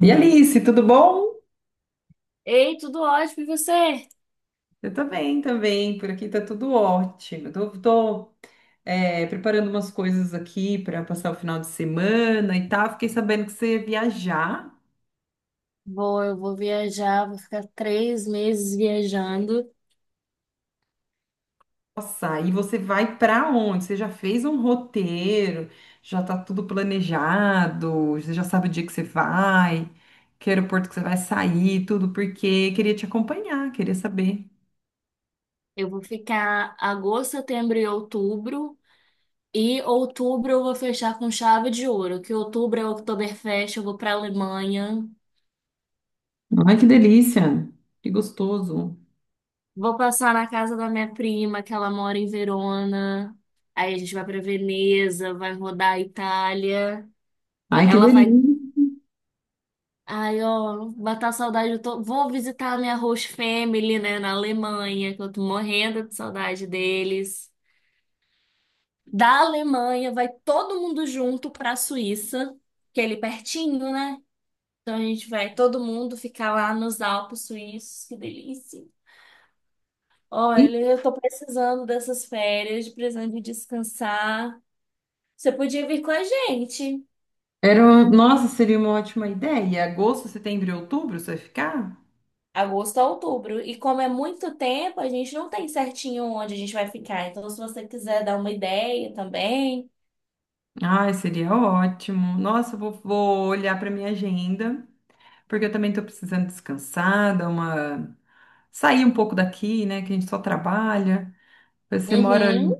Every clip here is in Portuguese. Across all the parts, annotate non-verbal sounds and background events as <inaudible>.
E Alice, tudo bom? Ei, tudo ótimo, e você? Eu também, também. Por aqui tá tudo ótimo. Preparando umas coisas aqui para passar o final de semana e tal. Fiquei sabendo que você ia viajar. Vou, eu vou viajar, vou ficar 3 meses viajando. Nossa, e você vai para onde? Você já fez um roteiro? Já tá tudo planejado? Você já sabe o dia que você vai? Que aeroporto que você vai sair? Tudo porque queria te acompanhar, queria saber. Eu vou ficar agosto, setembro e outubro. E outubro eu vou fechar com chave de ouro, que outubro é o Oktoberfest, eu vou pra Alemanha. Ai, que delícia! Que gostoso! Vou passar na casa da minha prima, que ela mora em Verona. Aí a gente vai pra Veneza, vai rodar a Itália. Ai, que Ela vai... delícia! Ai, ó, matar a saudade, eu tô... vou visitar a minha host family, né, na Alemanha, que eu tô morrendo de saudade deles. Da Alemanha, vai todo mundo junto pra Suíça, que é ali pertinho, né? Então a gente vai todo mundo ficar lá nos Alpes suíços, que delícia. Olha, eu tô precisando dessas férias, precisando de descansar. Você podia vir com a gente. Nossa, seria uma ótima ideia. Agosto, setembro e outubro, você vai ficar? Agosto a outubro. E como é muito tempo, a gente não tem certinho onde a gente vai ficar. Então, se você quiser dar uma ideia também. Ai, seria ótimo. Nossa, eu vou olhar para minha agenda, porque eu também estou precisando descansar, dar uma... sair um pouco daqui, né? Que a gente só trabalha. Você mora Uhum,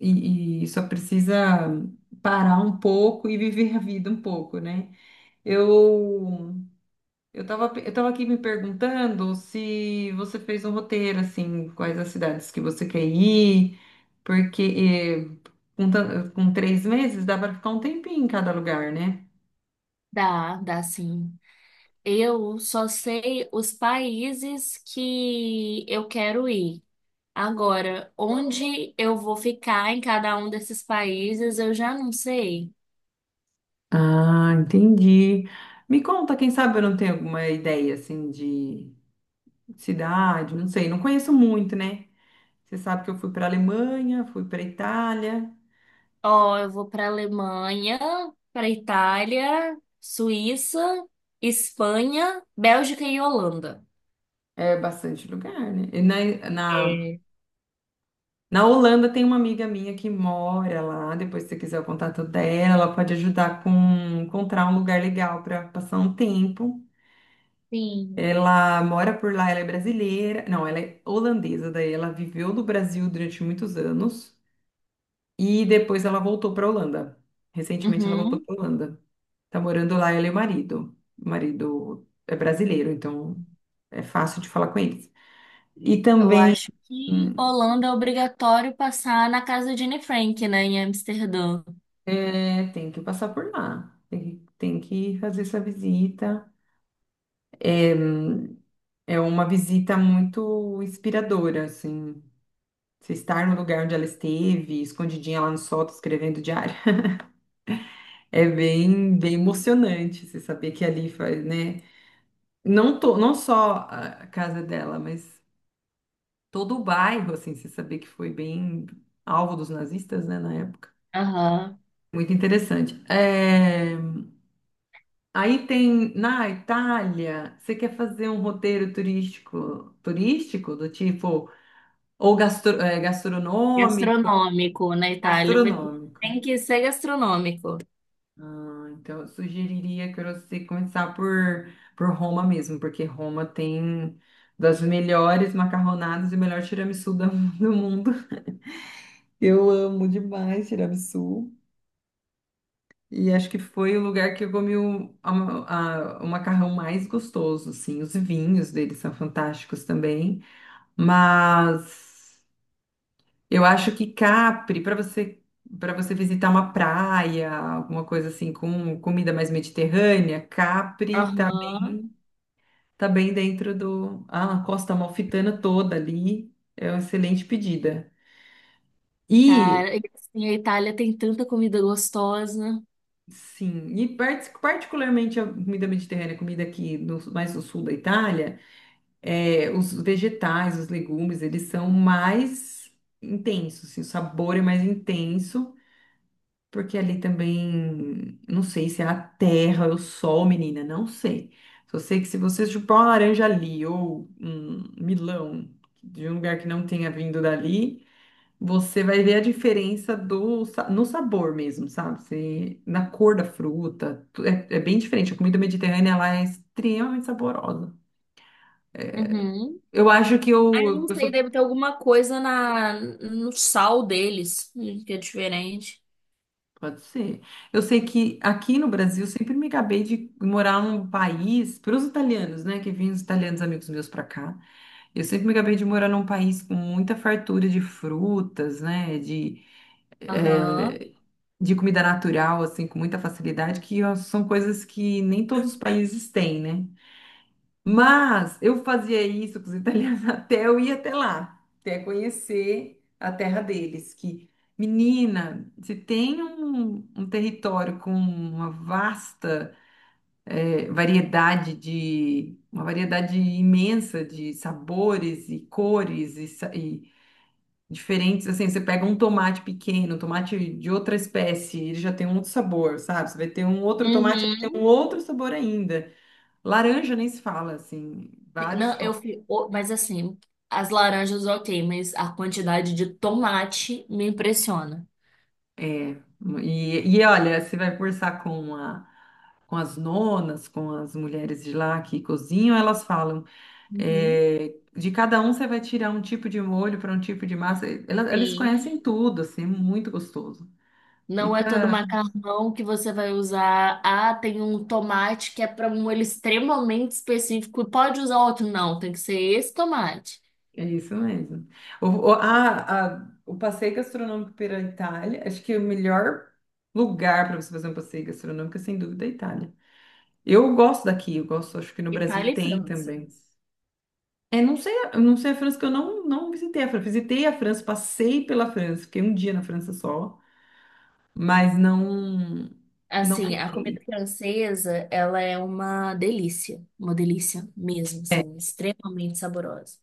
e só precisa parar um pouco e viver a vida um pouco, né? Eu eu tava aqui me perguntando se você fez um roteiro, assim, quais as cidades que você quer ir, porque com 3 meses dá para ficar um tempinho em cada lugar, né? dá sim. Eu só sei os países que eu quero ir. Agora, onde eu vou ficar em cada um desses países, eu já não sei. Ah, entendi. Me conta, quem sabe eu não tenho alguma ideia, assim, de cidade, não sei, não conheço muito, né? Você sabe que eu fui para Alemanha, fui para Itália, Ó, eu vou para Alemanha, para Itália, Suíça, Espanha, Bélgica e Holanda. é bastante lugar, né? Na, É, Na Holanda tem uma amiga minha que mora lá. Depois, se você quiser o contato dela, ela pode ajudar com encontrar um lugar legal para passar um tempo. sim. Ela mora por lá, ela é brasileira. Não, ela é holandesa, daí ela viveu no Brasil durante muitos anos e depois ela voltou para Holanda. Recentemente ela voltou Uhum. para Holanda. Tá morando lá ela e o marido. O marido é brasileiro, então é fácil de falar com eles. E Eu também acho que Holanda é obrigatório passar na casa de Anne Frank, né, em Amsterdã. é, tem que passar por lá. Tem que fazer essa visita. É, é uma visita muito inspiradora, assim. Você estar no lugar onde ela esteve, escondidinha lá no sótão, escrevendo diário. <laughs> É bem, bem emocionante você saber que ali faz, né? Não só a casa dela, mas todo o bairro, assim, você saber que foi bem alvo dos nazistas, né, na época. Aham. Muito interessante. Aí tem na Itália, você quer fazer um roteiro turístico, turístico do tipo ou gastronômico, Gastronômico na Itália. Gastronômico. Tem que ser gastronômico. Ah, então eu sugeriria que você começar por Roma mesmo, porque Roma tem das melhores macarronadas e o melhor tiramisu <laughs> do mundo. Eu amo demais tiramisu. E acho que foi o lugar que eu comi o macarrão mais gostoso, assim. Os vinhos deles são fantásticos também. Mas eu acho que Capri, para você visitar uma praia, alguma coisa assim com comida mais mediterrânea, Aham. Tá bem dentro do ah, a Costa Amalfitana toda ali. É uma excelente pedida. E Cara, e assim, a Itália tem tanta comida gostosa. sim, e particularmente a comida mediterrânea, comida aqui no, mais no sul da Itália, é, os vegetais, os legumes, eles são mais intensos, assim, o sabor é mais intenso. Porque ali também, não sei se é a terra, é o sol, menina, não sei. Só sei que se você chupar uma laranja ali ou um milão de um lugar que não tenha vindo dali, você vai ver a diferença do, no sabor mesmo, sabe? Na cor da fruta, é, é bem diferente. A comida mediterrânea, ela é extremamente saborosa. Uhum. Eu acho que Ah, eu não eu sei, sou deve ter alguma coisa no sal deles, que é diferente. pode ser. Eu sei que aqui no Brasil sempre me gabei de morar num país, para os italianos, né, que vêm os italianos amigos meus para cá, eu sempre me gabei de morar num país com muita fartura de frutas, né, Aham. eh, de comida natural, assim, com muita facilidade, que ó, são coisas que nem todos os países têm, né? Mas eu fazia isso com os italianos <laughs> até eu ir até lá, até conhecer a terra deles. Que, menina, se tem um território com uma vasta variedade de, uma variedade imensa de sabores e cores e diferentes, assim, você pega um tomate pequeno, um tomate de outra espécie, ele já tem um outro sabor, sabe? Você vai ter um outro tomate, ele tem um Uhum. outro sabor ainda. Laranja nem se fala, assim, vários Não, eu tons. fui, mas assim, as laranjas ok, mas a quantidade de tomate me impressiona. E olha, você vai conversar com as nonas, com as mulheres de lá que cozinham, elas falam, Uhum. é, de cada um você vai tirar um tipo de molho para um tipo de massa. Elas Sim. conhecem tudo, assim, é muito gostoso. Não é todo Fica, macarrão que você vai usar. Ah, tem um tomate que é para um molho extremamente específico. Pode usar outro? Não, tem que ser esse tomate. é isso mesmo. O passeio gastronômico pela Itália, acho que é o melhor lugar para você fazer um passeio gastronômico, é, sem dúvida, é a Itália. Eu gosto daqui, eu gosto, acho que no Brasil Itália e tem França. também. É, não sei, eu não sei a França, que eu não visitei a França. Visitei a França, passei pela França, fiquei um dia na França só, mas não, não Assim, a comida fiquei. francesa, ela é uma delícia. Uma delícia mesmo, É, assim, extremamente saborosa.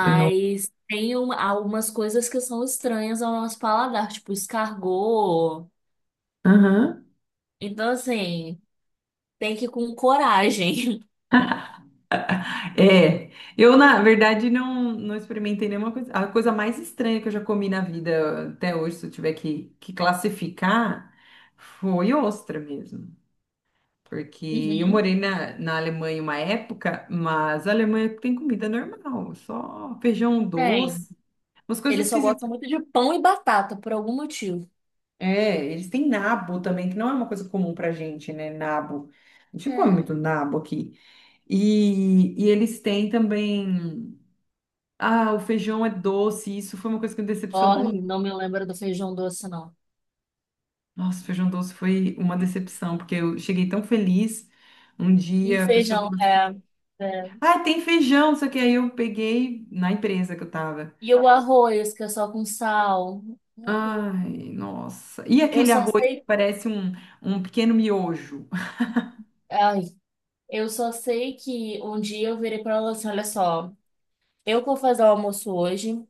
eu não. Algumas coisas que são estranhas ao nosso paladar, tipo escargot. Aham. Então, assim, tem que ir com coragem. <laughs> É, eu na verdade não experimentei nenhuma coisa. A coisa mais estranha que eu já comi na vida até hoje, se eu tiver que classificar, foi ostra mesmo. Porque eu Uhum, morei na Alemanha uma época, mas a Alemanha tem comida normal, só feijão tem. doce, umas coisas Ele só gosta esquisitas. muito de pão e batata, por algum motivo. É, eles têm nabo também, que não é uma coisa comum pra gente, né? Nabo. A gente não come É. muito nabo aqui. E eles têm também. Ah, o feijão é doce. Isso foi uma coisa que me Ó, decepcionou muito. não me lembro do feijão doce, não. Nossa, o feijão doce foi uma decepção, porque eu cheguei tão feliz. Um E dia a pessoa feijão, falou assim: é, é. ah, tem feijão, só que aí eu peguei na empresa que eu tava. E o arroz, que é só com sal. Ai, nossa. E Eu aquele só arroz que sei. parece um pequeno miojo? <laughs> Ai, eu só sei que um dia eu virei pra ela assim: olha só, eu vou fazer o almoço hoje.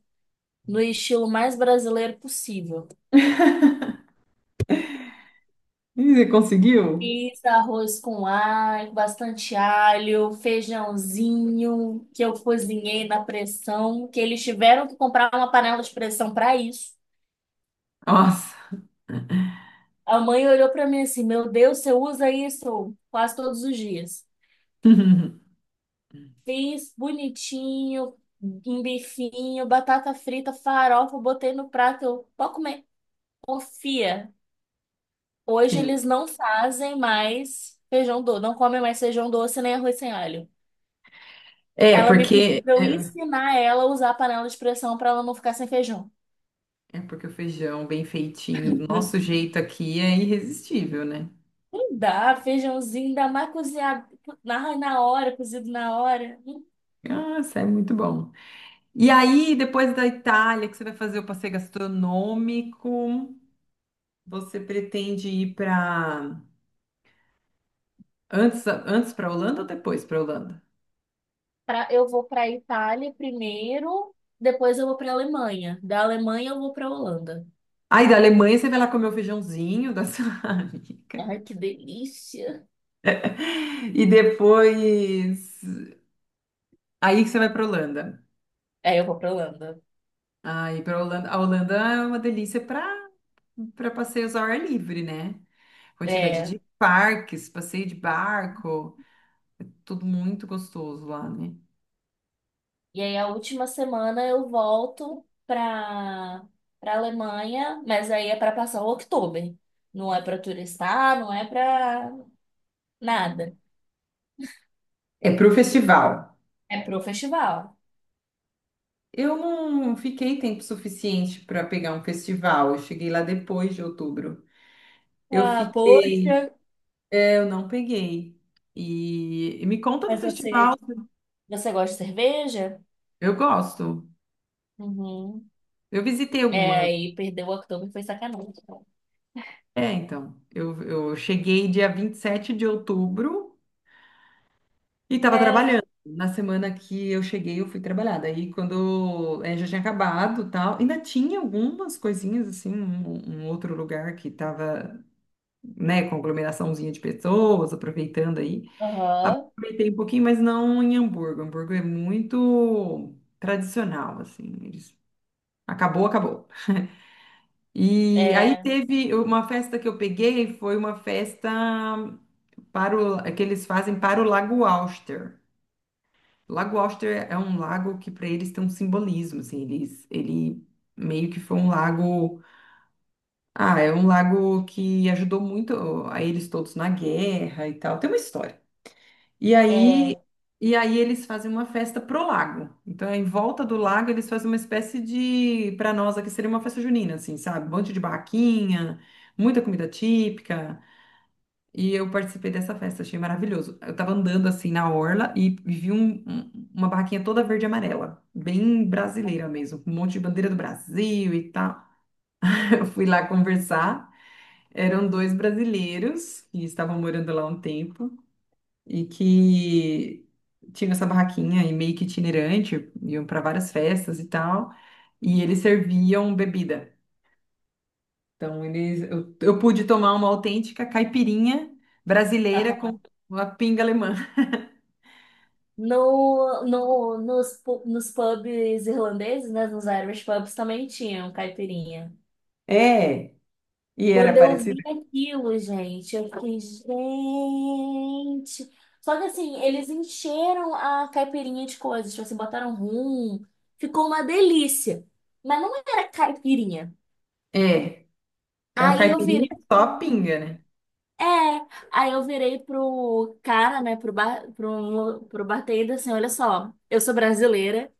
No estilo mais brasileiro possível. Ih, você conseguiu? Fiz arroz com alho, bastante alho, feijãozinho que eu cozinhei na pressão, que eles tiveram que comprar uma panela de pressão para isso. Nossa. A mãe olhou para mim assim: Meu Deus, você usa isso quase todos os dias. <laughs> Fiz bonitinho, um bifinho, batata frita, farofa, botei no prato. Eu, pode comer. Confia. Hoje Sim. eles não fazem mais feijão doce, não comem mais feijão doce nem arroz sem alho. É, Ela me pediu porque pra eu é, ensinar ela a usar a panela de pressão para ela não ficar sem feijão. É porque o feijão bem feitinho, do nosso jeito aqui, é irresistível, né? Não dá, feijãozinho, dá mais cozinhado na hora, cozido na hora. Nossa, é muito bom. E aí, depois da Itália, que você vai fazer o passeio gastronômico, você pretende ir para antes para Holanda ou depois para Holanda? Pra, eu vou para Itália primeiro, depois eu vou para Alemanha. Da Alemanha eu vou para Holanda. Aí da Alemanha você vai lá comer o feijãozinho da sua <laughs> amiga. Ai, que delícia. E depois aí que você vai para Holanda. É, eu vou para Holanda. Aí para Holanda, a Holanda é uma delícia para passeios ao ar livre, né? Quantidade É. de parques, passeio de barco, é tudo muito gostoso lá, né? E aí a última semana eu volto para Alemanha, mas aí é para passar o outubro. Não é para turistar, não é para nada. É para o festival. É pro festival. Eu não fiquei tempo suficiente para pegar um festival. Eu cheguei lá depois de outubro. Eu Ah, poxa, fiquei, é, eu não peguei. E me conta do mas festival. você, você gosta de cerveja? Eu gosto. Uhum. Eu visitei É, algumas. aí perdeu o Oktober foi sacanagem. É, então, eu cheguei dia 27 de outubro. E estava É, trabalhando. Na semana que eu cheguei, eu fui trabalhar. Daí, quando já tinha acabado, tal, ainda tinha algumas coisinhas assim, um outro lugar que estava, né, com aglomeraçãozinha de pessoas, aproveitando aí. aham, Aproveitei um pouquinho, mas não em Hamburgo. Hamburgo é muito tradicional, assim. Eles... Acabou, acabou. E aí é, teve uma festa que eu peguei, foi uma festa para o, que eles fazem para o Lago Auster. Lago Auster é um lago que para eles tem um simbolismo, assim, eles, ele meio que foi um lago, ah, é um lago que ajudou muito a eles todos na guerra e tal, tem uma história. E aí, é, e aí eles fazem uma festa pro lago. Então, em volta do lago eles fazem uma espécie de, para nós aqui seria uma festa junina, assim, sabe? Um monte de barraquinha, muita comida típica. E eu participei dessa festa, achei maravilhoso. Eu tava andando assim na orla e vi uma barraquinha toda verde e amarela, bem brasileira mesmo, com um monte de bandeira do Brasil e tal. <laughs> Eu fui lá conversar. Eram dois brasileiros que estavam morando lá há um tempo e que tinham essa barraquinha e meio que itinerante, iam para várias festas e tal. E eles serviam bebida. Então, eu pude tomar uma autêntica caipirinha brasileira com aham. uma pinga alemã. No, no, nos, pu- Nos pubs irlandeses, né, nos Irish pubs também tinham caipirinha. É, e era Quando eu parecido. vi aquilo, gente, eu fiquei, gente. Só que assim, eles encheram a caipirinha de coisas, tipo assim, botaram rum, ficou uma delícia. Mas não era caipirinha. É, é uma Aí eu caipirinha virei só pro... pinga, né? É, aí eu virei pro cara, né, pro bar... pro... pro bartender, assim, olha só, eu sou brasileira,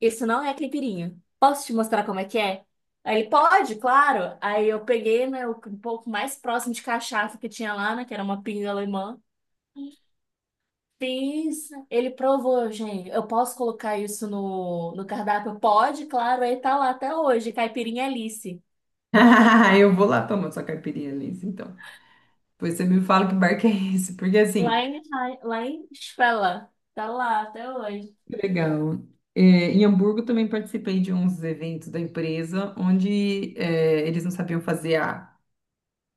isso não é caipirinha. Posso te mostrar como é que é? Aí ele, pode, claro. Aí eu peguei, né, o um pouco mais próximo de cachaça que tinha lá, né, que era uma pinga alemã. Fiz, ele provou, gente. Eu posso colocar isso no cardápio? Pode, claro. Aí tá lá até hoje, caipirinha Alice. <laughs> Eu vou lá tomar sua caipirinha, Liz, então. Depois você me fala que bar que é esse, porque Lá assim, em, lá em Spella. Tá lá até hoje. legal. É, em Hamburgo também participei de uns eventos da empresa onde é, eles não sabiam fazer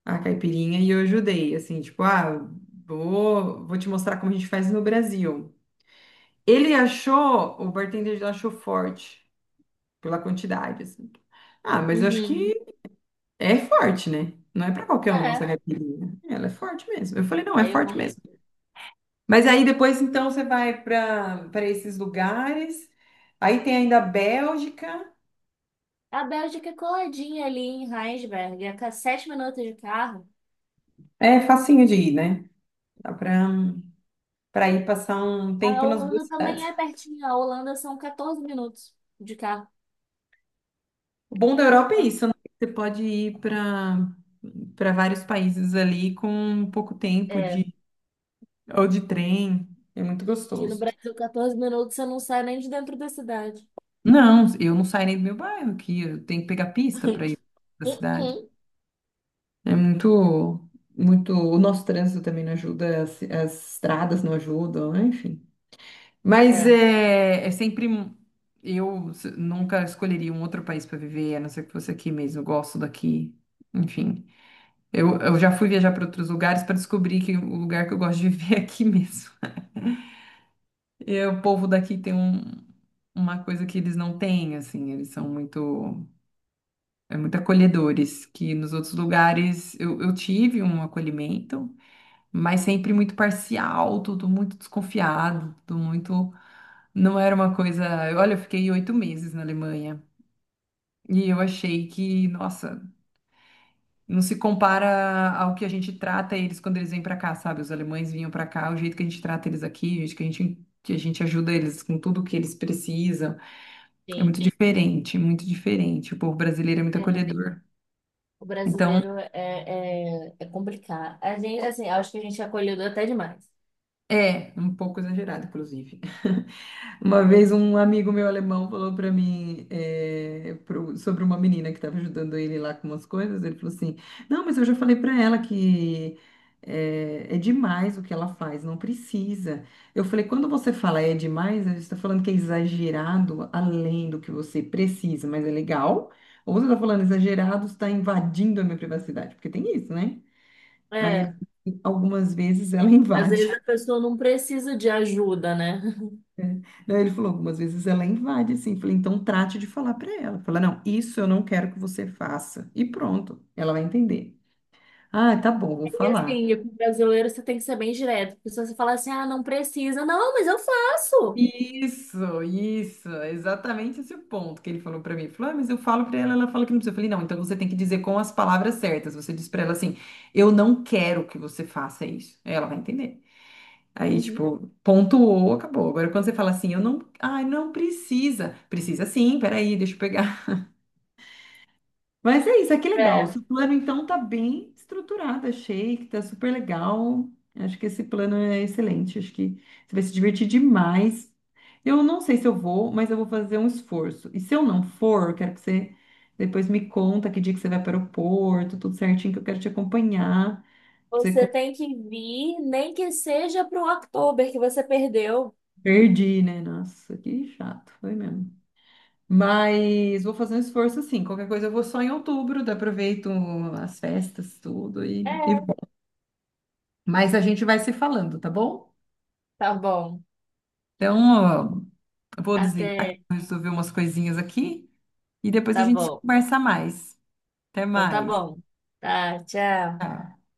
a caipirinha e eu ajudei, assim, tipo, ah, vou te mostrar como a gente faz no Brasil. Ele achou, o bartender já achou forte pela quantidade, assim. Ah, mas eu acho Uhum. que é forte, né? Não é pra qualquer um nossa É, caipirinha. Ela é forte mesmo. Eu falei, não, é aí eu forte amo. mesmo. Mas aí depois, então, você vai para esses lugares. Aí tem ainda a Bélgica. A Bélgica é coladinha ali em Rheinsberg, é a 7 minutos de carro. É facinho de ir, né? Dá pra, pra ir passar um A tempo nas duas Holanda também cidades. é pertinho. A Holanda são 14 minutos de carro. O bom da Europa é isso, né? Você pode ir para vários países ali com um pouco tempo É, de ou de trem. É muito aqui no gostoso. Brasil, 14 minutos você não sai nem de dentro da cidade. Não, eu não saio nem do meu bairro aqui. Eu tenho que pegar pista para ir <laughs> para Uh-uh. cidade. É muito, muito. O nosso trânsito também não ajuda, as estradas não ajudam, né? Enfim. Mas É, é sempre. Nunca escolheria um outro país para viver, a não ser que fosse aqui mesmo. Eu gosto daqui. Enfim, eu já fui viajar para outros lugares para descobrir que o lugar que eu gosto de <laughs> viver é aqui mesmo. <laughs> E o povo daqui tem uma coisa que eles não têm, assim, eles são muito, é muito acolhedores, que nos outros lugares eu tive um acolhimento, mas sempre muito parcial, tudo muito desconfiado, tudo muito. Não era uma coisa. Olha, eu fiquei 8 meses na Alemanha e eu achei que, nossa, não se compara ao que a gente trata eles quando eles vêm pra cá, sabe? Os alemães vinham pra cá, o jeito que a gente trata eles aqui, o jeito que a gente. Que a gente ajuda eles com tudo que eles precisam. É muito sim. diferente, muito diferente. O povo brasileiro é muito É, acolhedor. o Então, brasileiro é, é, é complicado. A gente, assim, acho que a gente é acolhido até demais. é, um pouco exagerado, inclusive. <laughs> Uma vez Né? um amigo meu alemão falou para mim é, sobre uma menina que estava ajudando ele lá com umas coisas. Ele falou assim: Não, mas eu já falei para ela que é demais o que ela faz, não precisa. Eu falei: Quando você fala é demais, você está falando que é exagerado além do que você precisa, mas é legal. Ou você está falando exagerado, está invadindo a minha privacidade, porque tem isso, né? Aí ele, É, algumas vezes ela <laughs> às invade. vezes a pessoa não precisa de ajuda, né? <laughs> Daí ele falou, algumas vezes ela invade, assim. Falei, então trate de falar para ela. Fala, não, isso eu não quero que você faça. E pronto, ela vai entender. Ah, tá bom, vou E falar. assim, e com o brasileiro você tem que ser bem direto, porque se você falar assim, ah, não precisa, não, mas eu faço. Isso, exatamente esse o ponto que ele falou pra mim. Ele falou, ah, mas eu falo pra ela, ela fala que não precisa. Eu falei, não, então você tem que dizer com as palavras certas. Você diz pra ela assim, eu não quero que você faça isso. Aí ela vai entender. Aí, Uhum. tipo, pontuou, acabou. Agora, quando você fala assim, eu não, ai, não precisa. Precisa sim, peraí, deixa eu pegar. Mas é isso, é que legal. O É, seu plano, então, tá bem estruturado, achei que tá super legal. Acho que esse plano é excelente, acho que você vai se divertir demais. Eu não sei se eu vou, mas eu vou fazer um esforço. E se eu não for, eu quero que você depois me conta que dia que você vai para o aeroporto, tudo certinho, que eu quero te acompanhar. Pra Você você con- tem que vir, nem que seja pro October que você perdeu. Perdi, né? Nossa, que chato, foi mesmo. Mas vou fazer um esforço, assim. Qualquer coisa eu vou só em outubro, daí aproveito as festas, tudo, e É. mas a gente vai se falando, tá bom? Tá bom. Então, ó, eu vou desligar, que Até. eu vou resolver umas coisinhas aqui e depois a Tá gente bom. conversa mais. Até Então tá mais. bom. Tá, tchau. Tchau.